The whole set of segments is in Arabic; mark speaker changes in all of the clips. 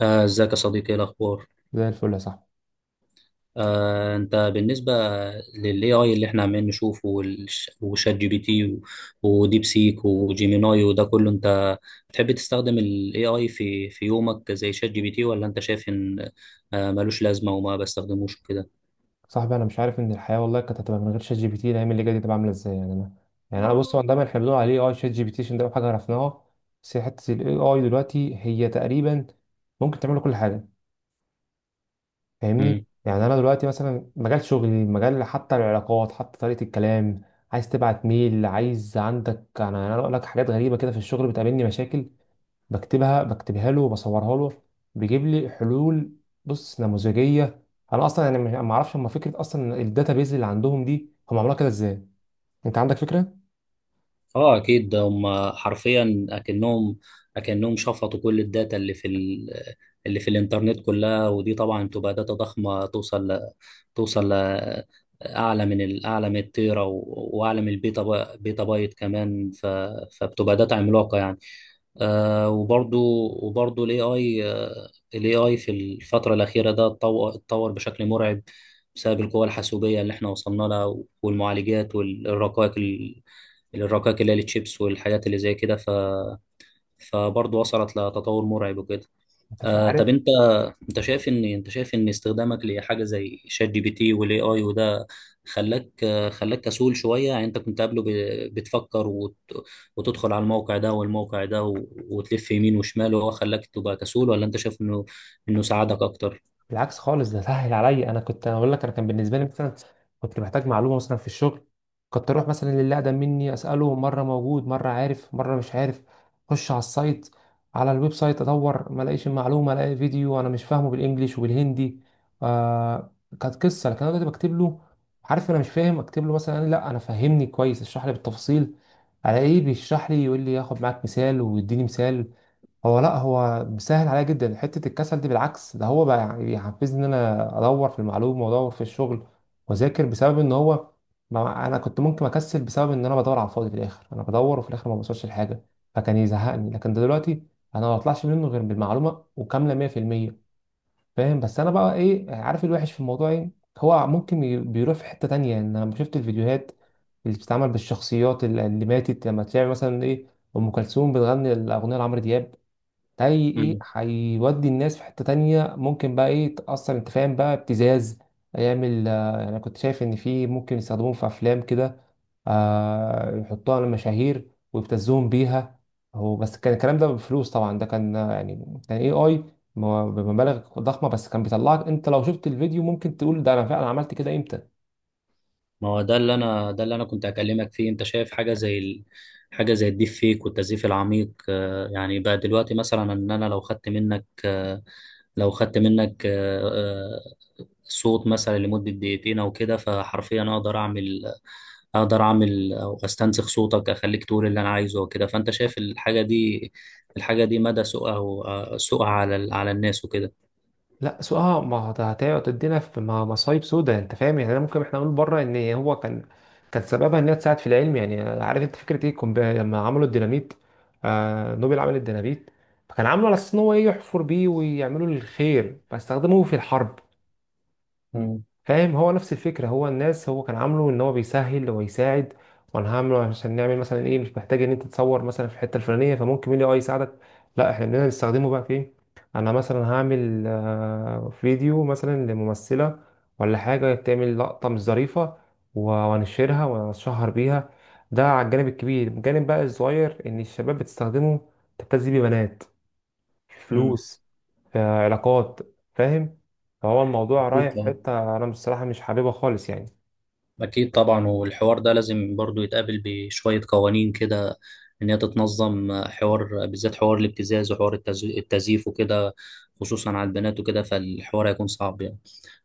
Speaker 1: ازيك يا صديقي؟ ايه الاخبار؟
Speaker 2: زي الفل يا صاحبي.
Speaker 1: انت بالنسبه للاي اي اللي احنا عمالين نشوفه وشات جي بي تي وديب سيك وجيميناي وده كله، انت بتحب تستخدم الاي اي في يومك زي شات جي بي تي، ولا انت شايف ان ملوش لازمه وما بستخدموش كده؟
Speaker 2: صاحبي، انا مش عارف ان الحياه والله كانت هتبقى من غير شات جي بي تي. الايام اللي جايه دي تبقى عامله ازاي؟ يعني انا، بص، هو دايما احنا بنقول عليه شات جي بي تي عشان ده أول حاجه عرفناها. بس هي حته الاي اي دلوقتي هي تقريبا ممكن تعمل كل حاجه. فاهمني؟ يعني انا دلوقتي مثلا مجال شغلي، مجال، حتى العلاقات، حتى طريقه الكلام. عايز تبعت ميل، عايز عندك، انا اقول لك حاجات غريبه كده في الشغل بتقابلني مشاكل، بكتبها له وبصورها له، بيجيب لي حلول. بص، نموذجيه. انا اصلا يعني ما اعرفش هم فكره اصلا الداتابيز اللي عندهم دي هم عملوها كده ازاي؟ انت عندك فكره؟
Speaker 1: اه اكيد، ده هم حرفيا اكنهم شفطوا كل الداتا اللي في الانترنت كلها، ودي طبعا تبقى داتا ضخمه، توصل ل... اعلى من التيرا، واعلى من البيتا، بيتا بايت كمان، فبتبقى داتا عملاقه يعني. آه وبرضو وبرضو الاي اي في الفتره الاخيره ده اتطور بشكل مرعب، بسبب القوى الحاسوبيه اللي احنا وصلنا لها، والمعالجات الرقائق اللي هي التشيبس والحاجات اللي زي كده، فبرضه وصلت لتطور مرعب وكده.
Speaker 2: انت
Speaker 1: طب
Speaker 2: عارف.
Speaker 1: انت شايف ان استخدامك لحاجه زي شات جي بي تي والاي اي وده خلاك خلاك كسول شويه، يعني انت كنت قبله بتفكر وتدخل على الموقع ده والموقع ده وتلف يمين وشمال، وهو خلاك تبقى كسول، ولا انت شايف انه ساعدك اكتر؟
Speaker 2: بالعكس خالص، ده سهل عليا. انا كنت هقول لك، انا كان بالنسبه لي مثلا كنت محتاج معلومه مثلا في الشغل، كنت اروح مثلا للي اقدم مني اساله، مره موجود مره عارف مره مش عارف. اخش على السايت، على الويب سايت، ادور، ما الاقيش المعلومه، الاقي فيديو انا مش فاهمه بالانجليش وبالهندي. آه، كانت قصه. لكن انا دلوقتي بكتب له، عارف، انا مش فاهم، اكتب له مثلا لا انا فهمني كويس، اشرح لي بالتفاصيل على ايه، بيشرح لي، يقول لي ياخد معاك مثال ويديني مثال. هو لا، هو بيسهل عليا جدا. حته الكسل دي بالعكس، ده هو بقى يعني بيحفزني ان انا ادور في المعلومه وادور في الشغل واذاكر، بسبب ان هو، ما انا كنت ممكن اكسل بسبب ان انا بدور على الفاضي، في الاخر انا بدور وفي الاخر ما بوصلش لحاجه، فكان يزهقني. لكن ده دلوقتي انا ما بطلعش منه غير بالمعلومه وكامله، 100%. فاهم؟ بس انا بقى ايه، عارف الوحش في الموضوع ايه؟ هو ممكن بيروح في حته تانية، ان انا شفت الفيديوهات اللي بتتعمل بالشخصيات اللي ماتت، لما تلاقي مثلا ايه، ام كلثوم بتغني الاغنيه لعمرو دياب. هي ايه؟
Speaker 1: مم.
Speaker 2: هيودي الناس في حتة تانية. ممكن بقى ايه، تأثر، انت فاهم، بقى ابتزاز. هيعمل، يعني انا كنت شايف ان في ممكن يستخدموهم في افلام كده، يحطوها على المشاهير ويبتزوهم بيها. هو بس كان الكلام ده بفلوس طبعا، ده كان، يعني كان اي اي بمبالغ ضخمة، بس كان بيطلعك انت لو شفت الفيديو ممكن تقول ده انا فعلا عملت كده امتى.
Speaker 1: ما هو ده اللي انا كنت هكلمك فيه. انت شايف حاجه زي حاجه زي الديب فيك والتزييف العميق؟ يعني بقى دلوقتي مثلا، ان انا لو خدت منك، لو خدت منك صوت مثلا لمدة دقيقتين او كده، فحرفيا اقدر اعمل، اقدر اعمل او استنسخ صوتك، اخليك تقول اللي انا عايزه وكده. فانت شايف الحاجة دي، الحاجة دي مدى سوءها سوءها على الناس وكده؟
Speaker 2: لا، سو اه ما هو ده هتقعد تدينا في مصايب سودا. انت فاهم يعني. أنا ممكن احنا نقول بره ان هو كان، كان سببها ان هي تساعد في العلم. يعني عارف انت فكره ايه، لما عملوا الديناميت، نوبل عمل الديناميت فكان عامله على اساس ان هو ايه، يحفر بيه ويعملوا الخير، فاستخدموه في الحرب.
Speaker 1: مم.
Speaker 2: فاهم؟ هو نفس الفكرة. هو الناس، هو كان عامله ان هو بيسهل ويساعد، وانا هعمله عشان نعمل مثلا ايه، مش محتاج ان انت تصور مثلا في الحتة الفلانية، فممكن الاي اي يساعدك. لا، احنا بدنا نستخدمه بقى في ايه. انا مثلا هعمل فيديو مثلا لممثلة ولا حاجة، تعمل لقطة مش ظريفة وانشرها واتشهر بيها. ده على الجانب الكبير. الجانب بقى الصغير، ان الشباب بتستخدمه تبتزي بيه بنات،
Speaker 1: مم.
Speaker 2: فلوس، في علاقات. فاهم؟ فهو الموضوع رايح
Speaker 1: أكيد
Speaker 2: في
Speaker 1: طبعا.
Speaker 2: حتة أنا بصراحة مش حاببها خالص يعني.
Speaker 1: أكيد طبعا، والحوار ده لازم برضو يتقابل بشوية قوانين كده، إن هي تتنظم، حوار بالذات، حوار الابتزاز وحوار التزييف وكده، خصوصا على البنات وكده، فالحوار هيكون صعب يعني.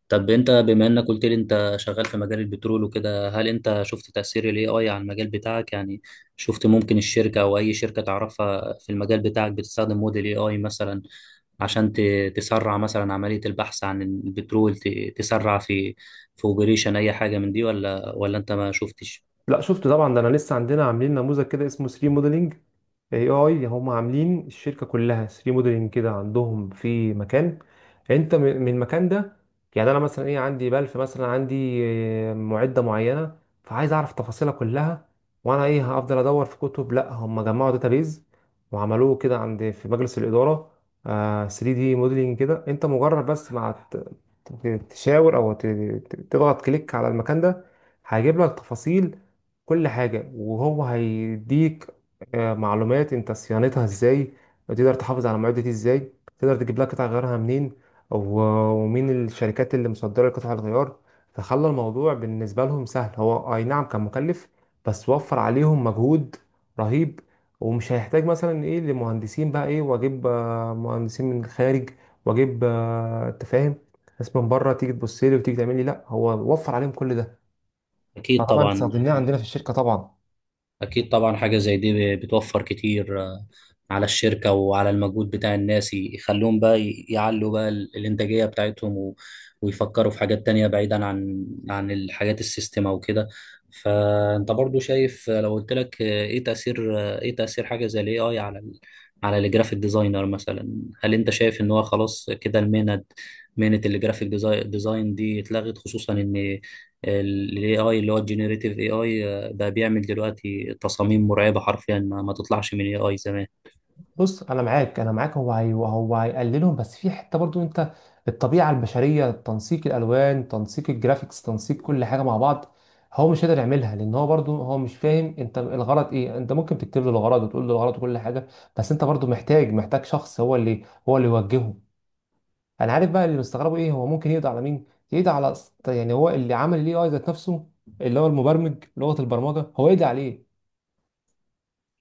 Speaker 1: طب انت، بما انك قلت لي انت شغال في مجال البترول وكده، هل انت شفت تأثير الاي اي على المجال بتاعك يعني؟ شفت ممكن الشركة او اي شركة تعرفها في المجال بتاعك بتستخدم موديل اي اي مثلا، عشان تسرع مثلا عملية البحث عن البترول، تسرع في اوبريشن اي حاجة من دي، ولا انت ما شفتش؟
Speaker 2: لا، شفت طبعا. ده أنا لسه عندنا عاملين نموذج كده اسمه 3 موديلنج اي اي. هم عاملين الشركه كلها 3 موديلنج كده، عندهم في مكان انت من المكان ده، يعني انا مثلا ايه، عندي بلف مثلا، عندي معده معينه، فعايز اعرف تفاصيلها كلها، وانا ايه هفضل ادور في كتب؟ لا، هم جمعوا داتابيز وعملوه كده عند في مجلس الاداره، 3 دي موديلنج كده، انت مجرد بس مع تشاور او تضغط كليك على المكان ده، هيجيب لك تفاصيل كل حاجة. وهو هيديك معلومات انت صيانتها ازاي، تقدر تحافظ على المعدة دي ازاي، تقدر تجيب لها قطع غيارها منين، و- ومين الشركات اللي مصدرة قطع الغيار. فخلى الموضوع بالنسبة لهم سهل. هو اي نعم كان مكلف، بس وفر عليهم مجهود رهيب. ومش هيحتاج مثلا ايه لمهندسين بقى ايه، واجيب مهندسين من الخارج، واجيب انت فاهم، ناس من بره تيجي تبص لي وتيجي تعمل لي. لا، هو وفر عليهم كل ده.
Speaker 1: اكيد
Speaker 2: فطبعا
Speaker 1: طبعا.
Speaker 2: استخدمناه عندنا في الشركة طبعا.
Speaker 1: أكيد طبعا، حاجة زي دي بتوفر كتير على الشركة وعلى المجهود بتاع الناس، يخلوهم بقى يعلوا بقى الإنتاجية بتاعتهم، ويفكروا في حاجات تانية، بعيدا عن الحاجات السيستم أو كده. فأنت برضو شايف، لو قلت لك، إيه تأثير حاجة زي ال AI على الجرافيك ديزاينر مثلا، هل أنت شايف إن هو خلاص كده المهنة، مهنة الجرافيك ديزاين دي اتلغت، خصوصا إن ال AI اللي هو الجينيريتيف AI بقى بيعمل دلوقتي تصاميم مرعبة حرفيا، ما تطلعش من اي اي زمان.
Speaker 2: بص، انا معاك. هو هي، هيقللهم، بس في حته برضو انت، الطبيعه البشريه، تنسيق الالوان، تنسيق الجرافيكس، تنسيق كل حاجه مع بعض، هو مش قادر يعملها، لان هو برضو هو مش فاهم انت الغرض ايه. انت ممكن تكتب له الغرض وتقول له الغرض وكل حاجه، بس انت برضو محتاج، شخص هو اللي يوجهه. انا عارف بقى اللي مستغربه ايه، هو ممكن يقضي على مين، يقضي على، يعني هو اللي عمل الاي اي ذات نفسه، اللي هو المبرمج، لغه البرمجه هو يقضي عليه.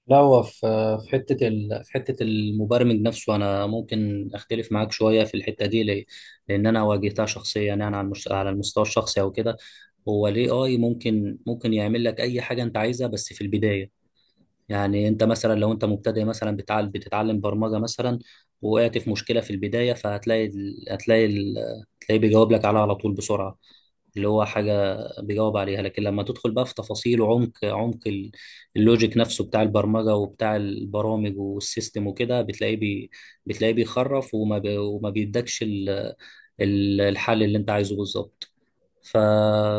Speaker 1: لا، هو في، في حتة المبرمج نفسه، أنا ممكن أختلف معاك شوية في الحتة دي. ليه؟ لأن أنا واجهتها شخصيا يعني، على المستوى الشخصي أو كده. هو ال AI ممكن، ممكن يعمل لك أي حاجة أنت عايزها، بس في البداية. يعني أنت مثلا لو أنت مبتدئ مثلا، بتتعلم برمجة مثلا، وقعت في مشكلة في البداية، فهتلاقي ال... هتلاقي ال... هتلاقيه بيجاوب لك عليها على طول بسرعة. اللي هو حاجة بيجاوب عليها، لكن لما تدخل بقى في تفاصيل وعمق، اللوجيك نفسه بتاع البرمجة وبتاع البرامج والسيستم وكده، بتلاقيه بيخرف، وما بيدكش الحل اللي انت عايزه بالظبط. ف...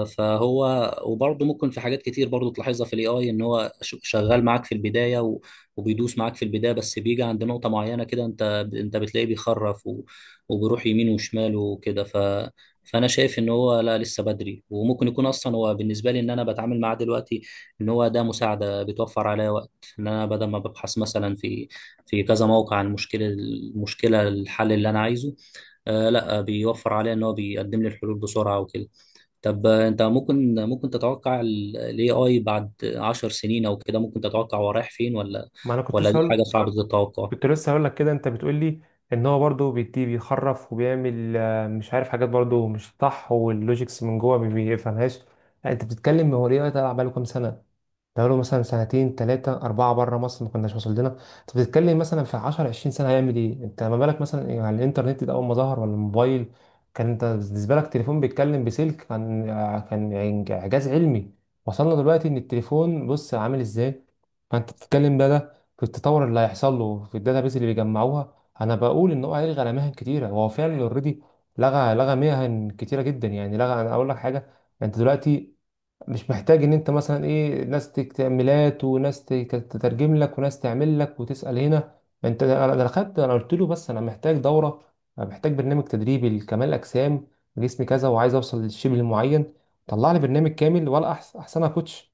Speaker 1: فهو وبرضه ممكن، في حاجات كتير برضه تلاحظها في الاي اي، ان هو شغال معاك في البدايه، وبيدوس معاك في البدايه، بس بيجي عند نقطه معينه كده انت، بتلاقيه بيخرف، وبيروح يمين وشمال وكده، فانا شايف ان هو لا، لسه بدري. وممكن يكون اصلا هو بالنسبه لي، ان انا بتعامل معاه دلوقتي، ان هو ده مساعده بتوفر عليا وقت، ان انا بدل ما ببحث مثلا في، كذا موقع، عن المشكله المشكله الحل اللي انا عايزه. آه لا، بيوفر عليا ان هو بيقدم لي الحلول بسرعه وكده. طب انت ممكن، تتوقع الاي اي بعد 10 سنين او كده؟ ممكن تتوقع هو رايح فين،
Speaker 2: ما انا كنت
Speaker 1: ولا دي
Speaker 2: لسه هقول
Speaker 1: حاجه صعبه التوقع؟
Speaker 2: كنت لسه هقول لك كده، انت بتقول لي ان هو برضه بيدي، بيخرف وبيعمل، مش عارف، حاجات برضه مش صح، واللوجيكس من جوه ما بيفهمهاش. لا، انت بتتكلم هو ليه بقى؟ بقاله كام سنه؟ بقاله مثلا سنتين تلاتة أربعة. بره مصر ما كناش وصل لنا. أنت بتتكلم مثلا في 10 20 سنة هيعمل إيه؟ أنت ما بالك مثلا إيه، على الإنترنت ده أول ما ظهر، ولا الموبايل، كان أنت بالنسبة لك تليفون بيتكلم بسلك، كان، كان إعجاز علمي. وصلنا دلوقتي إن التليفون بص عامل إزاي؟ فأنت بتتكلم بقى ده في التطور اللي هيحصل له، في الداتابيز اللي بيجمعوها. أنا بقول إن هو هيلغي على مهن كتيرة. هو فعلا أوريدي لغى، مهن كتيرة جدا. يعني لغى، أنا أقول لك حاجة. أنت دلوقتي مش محتاج ان انت مثلا ايه، ناس تعملات، وناس تترجم لك، وناس تعمل لك، وتسأل هنا. ما انت، انا، انا خدت انا قلت له بس انا محتاج دورة، انا محتاج برنامج تدريبي لكمال اجسام، جسمي كذا وعايز اوصل للشبه المعين. طلع لي برنامج كامل، ولا احسن، احسنها كوتش.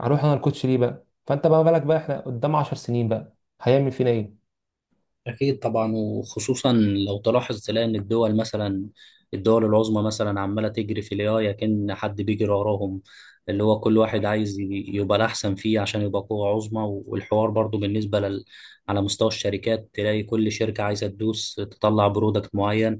Speaker 2: هروح انا الكوتش ليه بقى؟ فانت بقى بالك بقى، احنا قدام 10 سنين بقى هيعمل فينا ايه.
Speaker 1: أكيد طبعا. وخصوصا لو تلاحظ تلاقي إن الدول مثلا، العظمى مثلا عمالة تجري في الاي كأن حد بيجري وراهم، اللي هو كل واحد عايز يبقى الأحسن فيه عشان يبقى قوة عظمى، والحوار برضو بالنسبة على مستوى الشركات، تلاقي كل شركة عايزة تدوس تطلع برودكت معين،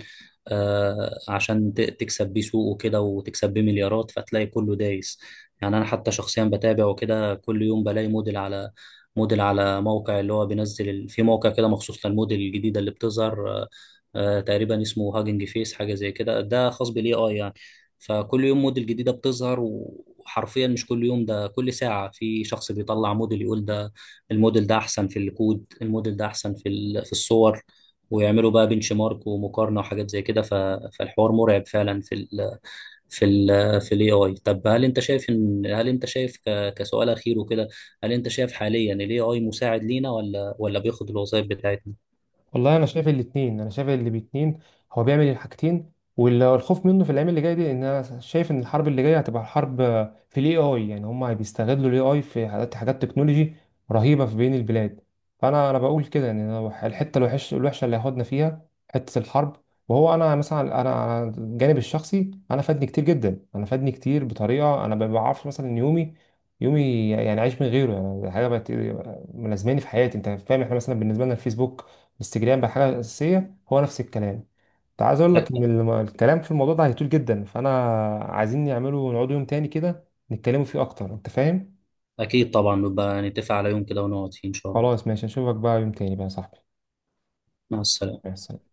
Speaker 1: عشان تكسب بيه سوق وكده، وتكسب بيه مليارات، فتلاقي كله دايس. يعني أنا حتى شخصيا بتابع وكده، كل يوم بلاقي موديل على، موقع اللي هو بينزل في موقع كده مخصوص للموديل الجديدة اللي بتظهر، تقريبا اسمه هاجنج فيس، حاجة زي كده، ده خاص بالاي اي يعني. فكل يوم موديل جديدة بتظهر، وحرفيا مش كل يوم، ده كل ساعة في شخص بيطلع موديل يقول ده الموديل ده أحسن في الكود، الموديل ده أحسن في الصور، ويعملوا بقى بنش مارك ومقارنة وحاجات زي كده، فالحوار مرعب فعلا في ال في الاي اي. طب هل انت شايف ان، هل انت شايف كسؤال اخير وكده، هل انت شايف حاليا الاي اي مساعد لينا، ولا بياخد الوظائف بتاعتنا؟
Speaker 2: والله انا شايف الاثنين. انا شايف اللي باتنين، هو بيعمل الحاجتين. والخوف منه في الايام اللي جايه دي، ان انا شايف ان الحرب اللي جايه هتبقى حرب في الاي اي. يعني هم بيستغلوا الاي اي في حاجات، حاجات تكنولوجي رهيبه في بين البلاد. فانا، انا بقول كده ان أنا الحته الوحش، الوحشه اللي هياخدنا فيها، حته الحرب. وهو انا مثلا، انا على الجانب الشخصي، انا فادني كتير جدا، انا فادني كتير بطريقه انا ما بعرفش. مثلا إن يومي، يعني عايش من غيره، يعني حاجه بقت ملازماني في حياتي. انت فاهم، احنا مثلا بالنسبه لنا الفيسبوك، انستجرام، بقى حاجه اساسيه، هو نفس الكلام. انت عايز اقول لك ان
Speaker 1: أ-
Speaker 2: الكلام في الموضوع ده هيطول جدا، فانا عايزين نعمله، نقعدوا يوم تاني كده نتكلموا فيه اكتر. انت فاهم؟
Speaker 1: اكيد طبعا، نبقى نتفق على يوم كده ونقعد فيه ان شاء الله.
Speaker 2: خلاص ماشي، اشوفك بقى يوم تاني بقى يا صاحبي.
Speaker 1: مع السلامه.
Speaker 2: مع السلامه.